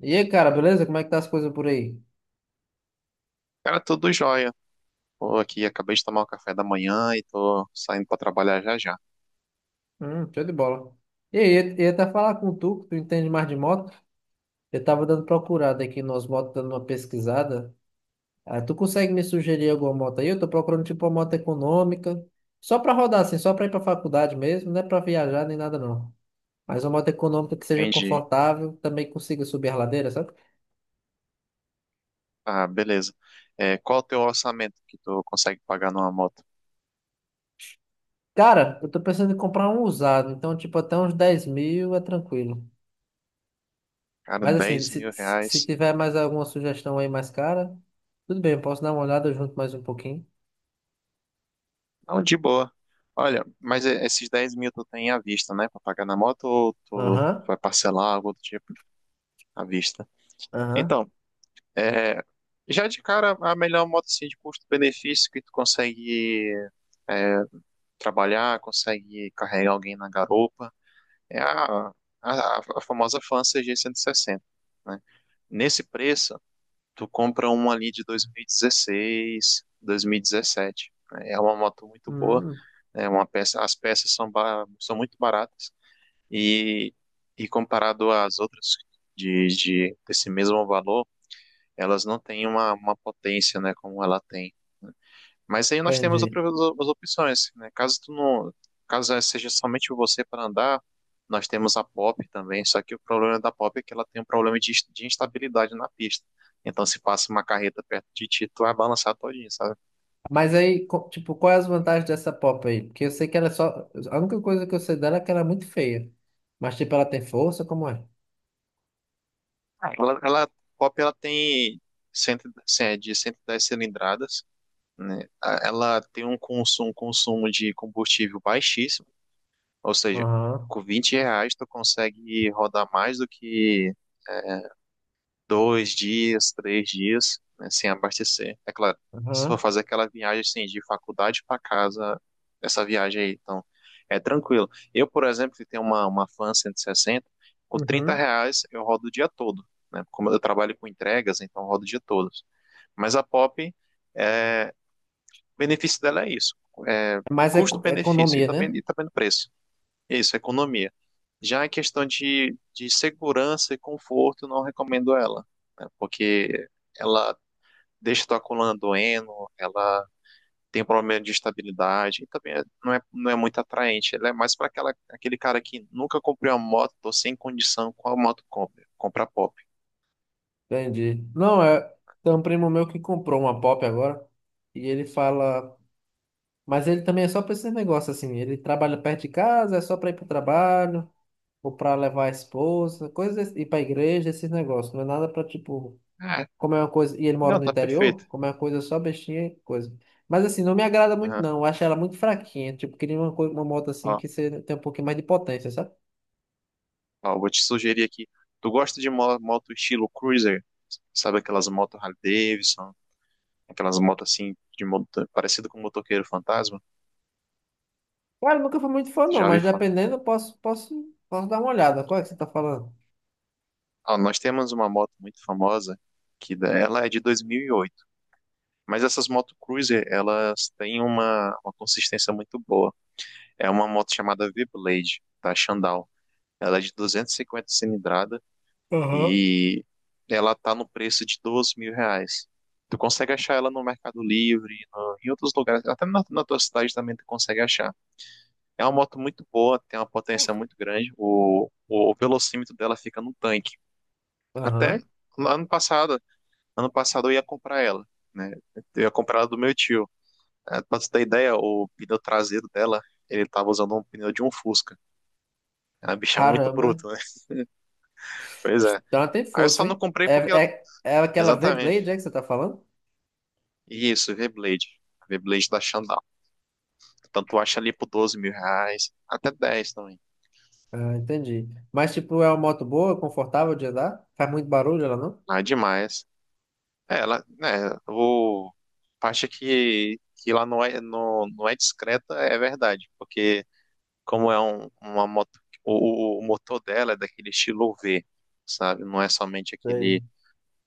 E aí, cara, beleza? Como é que tá as coisas por aí? Cara, tudo jóia. Tô aqui, acabei de tomar o café da manhã e tô saindo pra trabalhar já já. Show de bola. E aí, eu ia até falar com tu, que tu entende mais de moto. Eu tava dando procurada aqui nas motos, dando uma pesquisada. Ah, tu consegue me sugerir alguma moto aí? Eu tô procurando tipo uma moto econômica, só pra rodar assim, só pra ir pra faculdade mesmo, não é pra viajar nem nada não. Mas uma moto econômica que seja Entendi. confortável, também consiga subir a ladeira, sabe? Ah, beleza. Qual o teu orçamento que tu consegue pagar numa moto? Cara, eu tô pensando em comprar um usado, então tipo até uns 10 mil é tranquilo. Cara, Mas assim, 10 se, mil se se reais. tiver mais alguma sugestão aí mais cara, tudo bem, eu posso dar uma olhada junto mais um pouquinho. Não, de boa. Olha, mas esses 10 mil tu tem à vista, né? Pra pagar na moto ou tu Aham, vai parcelar algo do tipo à vista? aham. Então, é, já de cara, a melhor moto assim, de custo-benefício que tu consegue é, trabalhar, consegue carregar alguém na garupa. É a famosa fan CG160, né? Nesse preço, tu compra uma ali de 2016, 2017. Né? É uma moto muito boa, Hum, é uma peça, as peças são, ba- são muito baratas e, e comparado às outras de desse mesmo valor, elas não têm uma potência, né, como ela tem. Né? Mas aí nós temos entendi. Outras opções, né? Caso tu não, caso seja somente você para andar, nós temos a Pop também, só que o problema da Pop é que ela tem um problema de instabilidade na pista. Então se passa uma carreta perto de ti, tu vai balançar todinho, sabe? Mas aí, tipo, quais as vantagens dessa pop aí? Porque eu sei que ela é só. A única coisa que eu sei dela é que ela é muito feia. Mas, tipo, ela tem força, como é? Ela, ela- Pop ela tem, é de 110 cilindradas, né? Ela tem um consumo de combustível baixíssimo, ou seja, Aham, com 20 reais tu consegue rodar mais do que 2 dias, 3 dias, né, sem abastecer. É claro, se aham, for fazer aquela viagem assim, de faculdade para casa, essa viagem aí, então é tranquilo. Eu, por exemplo, que tenho uma Fan 160, com 30 uhum. reais eu rodo o dia todo, né? Como eu trabalho com entregas, então eu rodo o dia todo. Mas a Pop, é, o benefício dela é isso, é Mas é custo-benefício economia, né? e também no preço. Isso, economia. Já a questão de segurança e conforto, eu não recomendo ela, né? Porque ela deixa tua coluna doendo, ela tem problema de estabilidade, e também não é, não é muito atraente. Ela é mais para aquela, aquele cara que nunca comprou uma moto, tô sem condição, qual moto compra? Compra pop. Entendi. Não, é. Tem um primo meu que comprou uma pop agora. E ele fala. Mas ele também é só pra esse negócio assim. Ele trabalha perto de casa, é só pra ir pro trabalho, ou pra levar a esposa, coisas, ir pra igreja, esses negócios. Não é nada pra tipo, Ah, como é uma coisa. E ele mora não, no tá perfeito. interior, como é uma coisa só bestinha, e coisa. Mas assim, não me agrada muito, Aham. não. Eu acho ela muito fraquinha. Tipo, queria uma moto assim Ó, que você tem um pouquinho mais de potência, sabe? ó, vou te sugerir aqui. Tu gosta de moto estilo cruiser? Sabe aquelas motos Harley Davidson? Aquelas motos assim, de moto, parecido com o motoqueiro fantasma. Cara, eu nunca fui muito fã, não, Já ouvi mas falar. dependendo, eu posso dar uma olhada. Qual é que você tá falando? Ah, nós temos uma moto muito famosa, ela é de 2008. Mas essas moto cruiser, elas têm uma consistência muito boa. É uma moto chamada V-Blade, da Shandong. Ela é de 250 cilindrada Aham. e ela tá no preço de 12 mil reais. Tu consegue achar ela no Mercado Livre, em outros lugares, até na tua cidade também tu consegue achar. É uma moto muito boa, tem uma potência muito grande. O velocímetro dela fica no tanque. Aham. Até ano passado, ano passado eu ia comprar ela, né? Eu ia comprar ela do meu tio. É, pra você ter ideia, o pneu traseiro dela, ele tava usando um pneu de um Fusca. É uma bicha muito Caramba. bruta, né? Pois é. Então ela tem Aí eu só força, não hein? comprei É, porque ela... é, é aquela V-Blade, Exatamente. é que você tá falando? Isso, V-Blade. V-Blade da Xandão. Tanto acha ali por 12 mil reais, até 10 também. Ah, entendi. Mas, tipo, é uma moto boa, confortável de andar? Faz muito barulho ela, não? Ah, demais. Ela, né, o a parte é que, lá não é, não é discreta é verdade, porque como é uma moto, o motor dela é daquele estilo V, sabe? Não é somente Sei. aquele,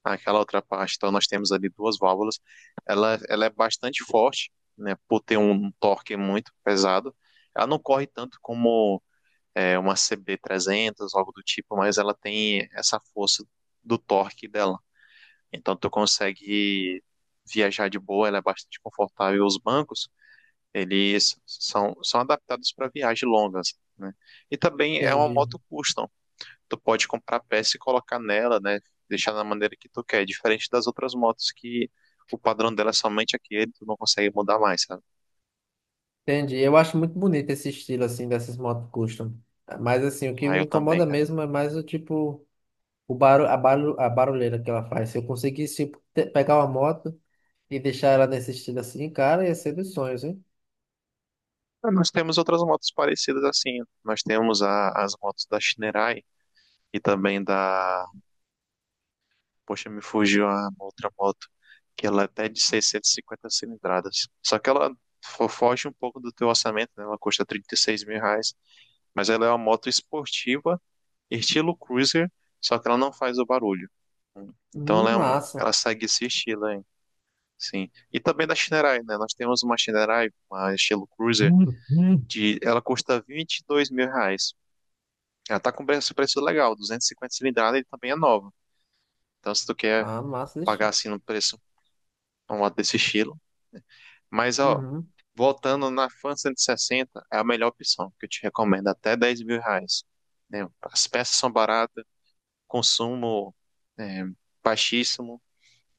aquela outra parte. Então nós temos ali duas válvulas. Ela é bastante forte, né, por ter um torque muito pesado. Ela não corre tanto como uma CB 300 algo do tipo, mas ela tem essa força do torque dela. Então tu consegue viajar de boa, ela é bastante confortável. Os bancos, são adaptados para viagens longas, né? E também é uma Entendi. moto custom. Tu pode comprar peça e colocar nela, né? Deixar da maneira que tu quer, diferente das outras motos que o padrão dela é somente aquele, tu não consegue mudar mais, sabe? Entendi. Eu acho muito bonito esse estilo, assim, dessas motos custom. Mas, assim, o que Ah, me eu também, incomoda cara. mesmo é mais o tipo, o barulho, a barulheira que ela faz. Se eu conseguisse, tipo, pegar uma moto e deixar ela nesse estilo assim, cara, ia ser dos sonhos, hein? Mas nós temos outras motos parecidas assim. Nós temos as motos da Shinerai e também da... Poxa, me fugiu a outra moto, que ela é até de 650 cilindradas. Só que ela foge um pouco do teu orçamento, né? Ela custa 36 mil reais, mas ela é uma moto esportiva, estilo cruiser, só que ela não faz o barulho. Então ela, Massa. ela segue esse estilo aí, sim. E também da Shinerai, né? Nós temos uma Shinerai, uma estilo cruiser, Hum, hum. Ela custa 22 mil reais. Ela tá com preço, preço legal, 250 cilindradas e também é nova. Então se tu quer Ah, massa, pagar deixa. assim no preço uma moto desse estilo... Mas, ó, Uhum. voltando na Fan 160, é a melhor opção que eu te recomendo, até 10 mil reais. Né? As peças são baratas, consumo é, baixíssimo,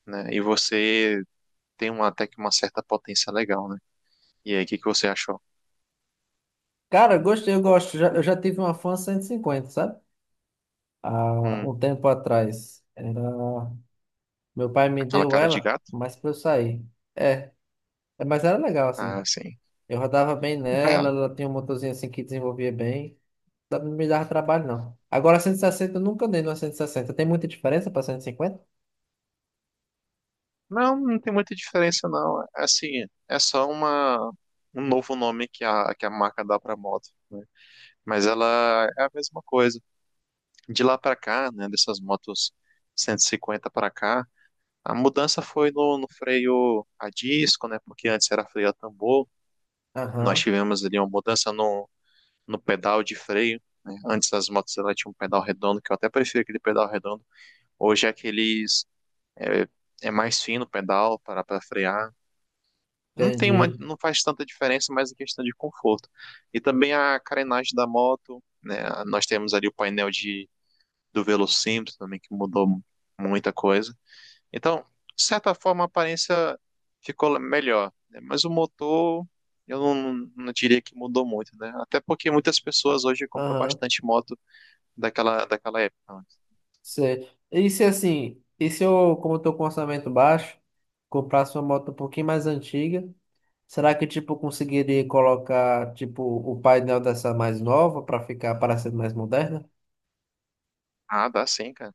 né? E você tem até que uma certa potência legal, né? E aí, o que que você achou? Cara, eu gostei, eu gosto. Eu já tive uma Fan 150, sabe? Há Hum, um tempo atrás. Meu pai me aquela deu cara de ela, gato? mas pra eu sair. É, mas era legal, Ah, assim. sim. Eu rodava bem nela, É, ela tinha um motorzinho assim que desenvolvia bem. Não me dava trabalho, não. Agora, 160, eu nunca andei numa 160. Tem muita diferença pra 150? não, não tem muita diferença, não. É assim, é só um novo nome que que a marca dá pra moto, né? Mas ela é a mesma coisa. De lá para cá, né, dessas motos 150 para cá, a mudança foi no freio a disco, né, porque antes era freio a tambor. Nós Aham, tivemos ali uma mudança no pedal de freio. Né. Antes as motos elas tinham um pedal redondo, que eu até prefiro aquele pedal redondo. Hoje é aqueles é, é mais fino o pedal para frear. Não tem uma, entendi. não faz tanta diferença, mas é questão de conforto. E também a carenagem da moto, né? Nós temos ali o painel de do Velocímetro também, que mudou muita coisa. Então, de certa forma, a aparência ficou melhor, né? Mas o motor eu não diria que mudou muito, né? Até porque muitas Ah, pessoas hoje compram aham, bastante moto daquela época. Né? sei. E se eu, como eu tô com orçamento baixo, comprasse uma moto um pouquinho mais antiga? Será que, tipo, eu conseguiria colocar, tipo, o painel dessa mais nova para ficar parecendo mais moderna? Ah, dá sim, cara.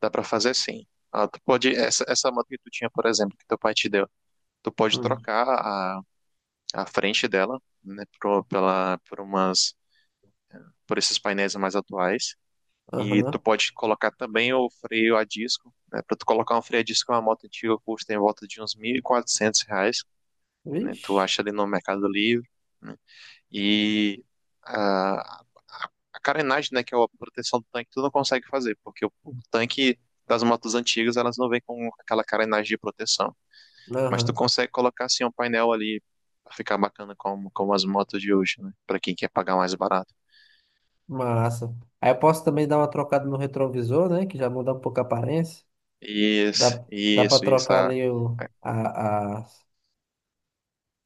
Dá para fazer sim. Ah, tu pode, essa moto que tu tinha, por exemplo, que teu pai te deu, tu pode Hum. trocar a frente dela, né, por umas, por esses painéis mais atuais. E tu Aham. pode colocar também o freio a disco, né? Para tu colocar um freio a disco em uma moto antiga custa em volta de uns 1.400 reais, né? Tu Vixe. acha ali no Mercado Livre, né? E a, a, a carenagem, né, que é a proteção do tanque, tu não consegue fazer, porque o tanque das motos antigas, elas não vêm com aquela carenagem de proteção. Mas tu Aham. consegue colocar, assim, um painel ali pra ficar bacana como, como as motos de hoje, né? Pra quem quer pagar mais barato. Massa. Aí eu posso também dar uma trocada no retrovisor, né? Que já muda um pouco a aparência. Isso, Dá, dá pra isso, isso. trocar A, ali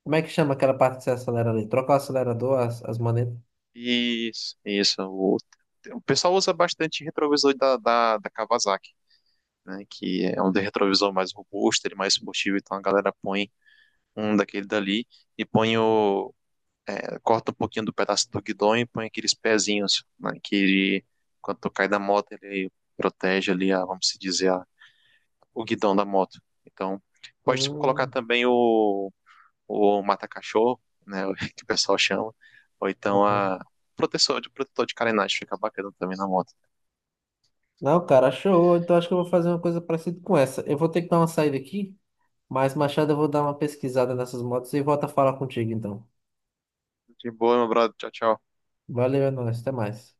Como é que chama aquela parte que você acelera ali? Troca o acelerador, as manetas. isso, isso. O pessoal usa bastante retrovisor da Kawasaki, né? Que é um de retrovisor mais robusto, ele é mais combustível, então a galera põe um daquele dali e põe o. É, corta um pouquinho do pedaço do guidão e põe aqueles pezinhos, né? Que ele, quando tu cai da moto, ele protege ali, a, vamos se dizer, o guidão da moto. Então, pode colocar Hum. também o mata-cachorro, né, o que o pessoal chama, ou então Aham. a protetor de carenagem, fica bacana também na moto. Não, cara, show. Então acho que eu vou fazer uma coisa parecida com essa. Eu vou ter que dar uma saída aqui. Mas, Machado, eu vou dar uma pesquisada nessas motos e volto a falar contigo, então. De boa, meu brother. Tchau, tchau. Valeu, é nóis, até mais.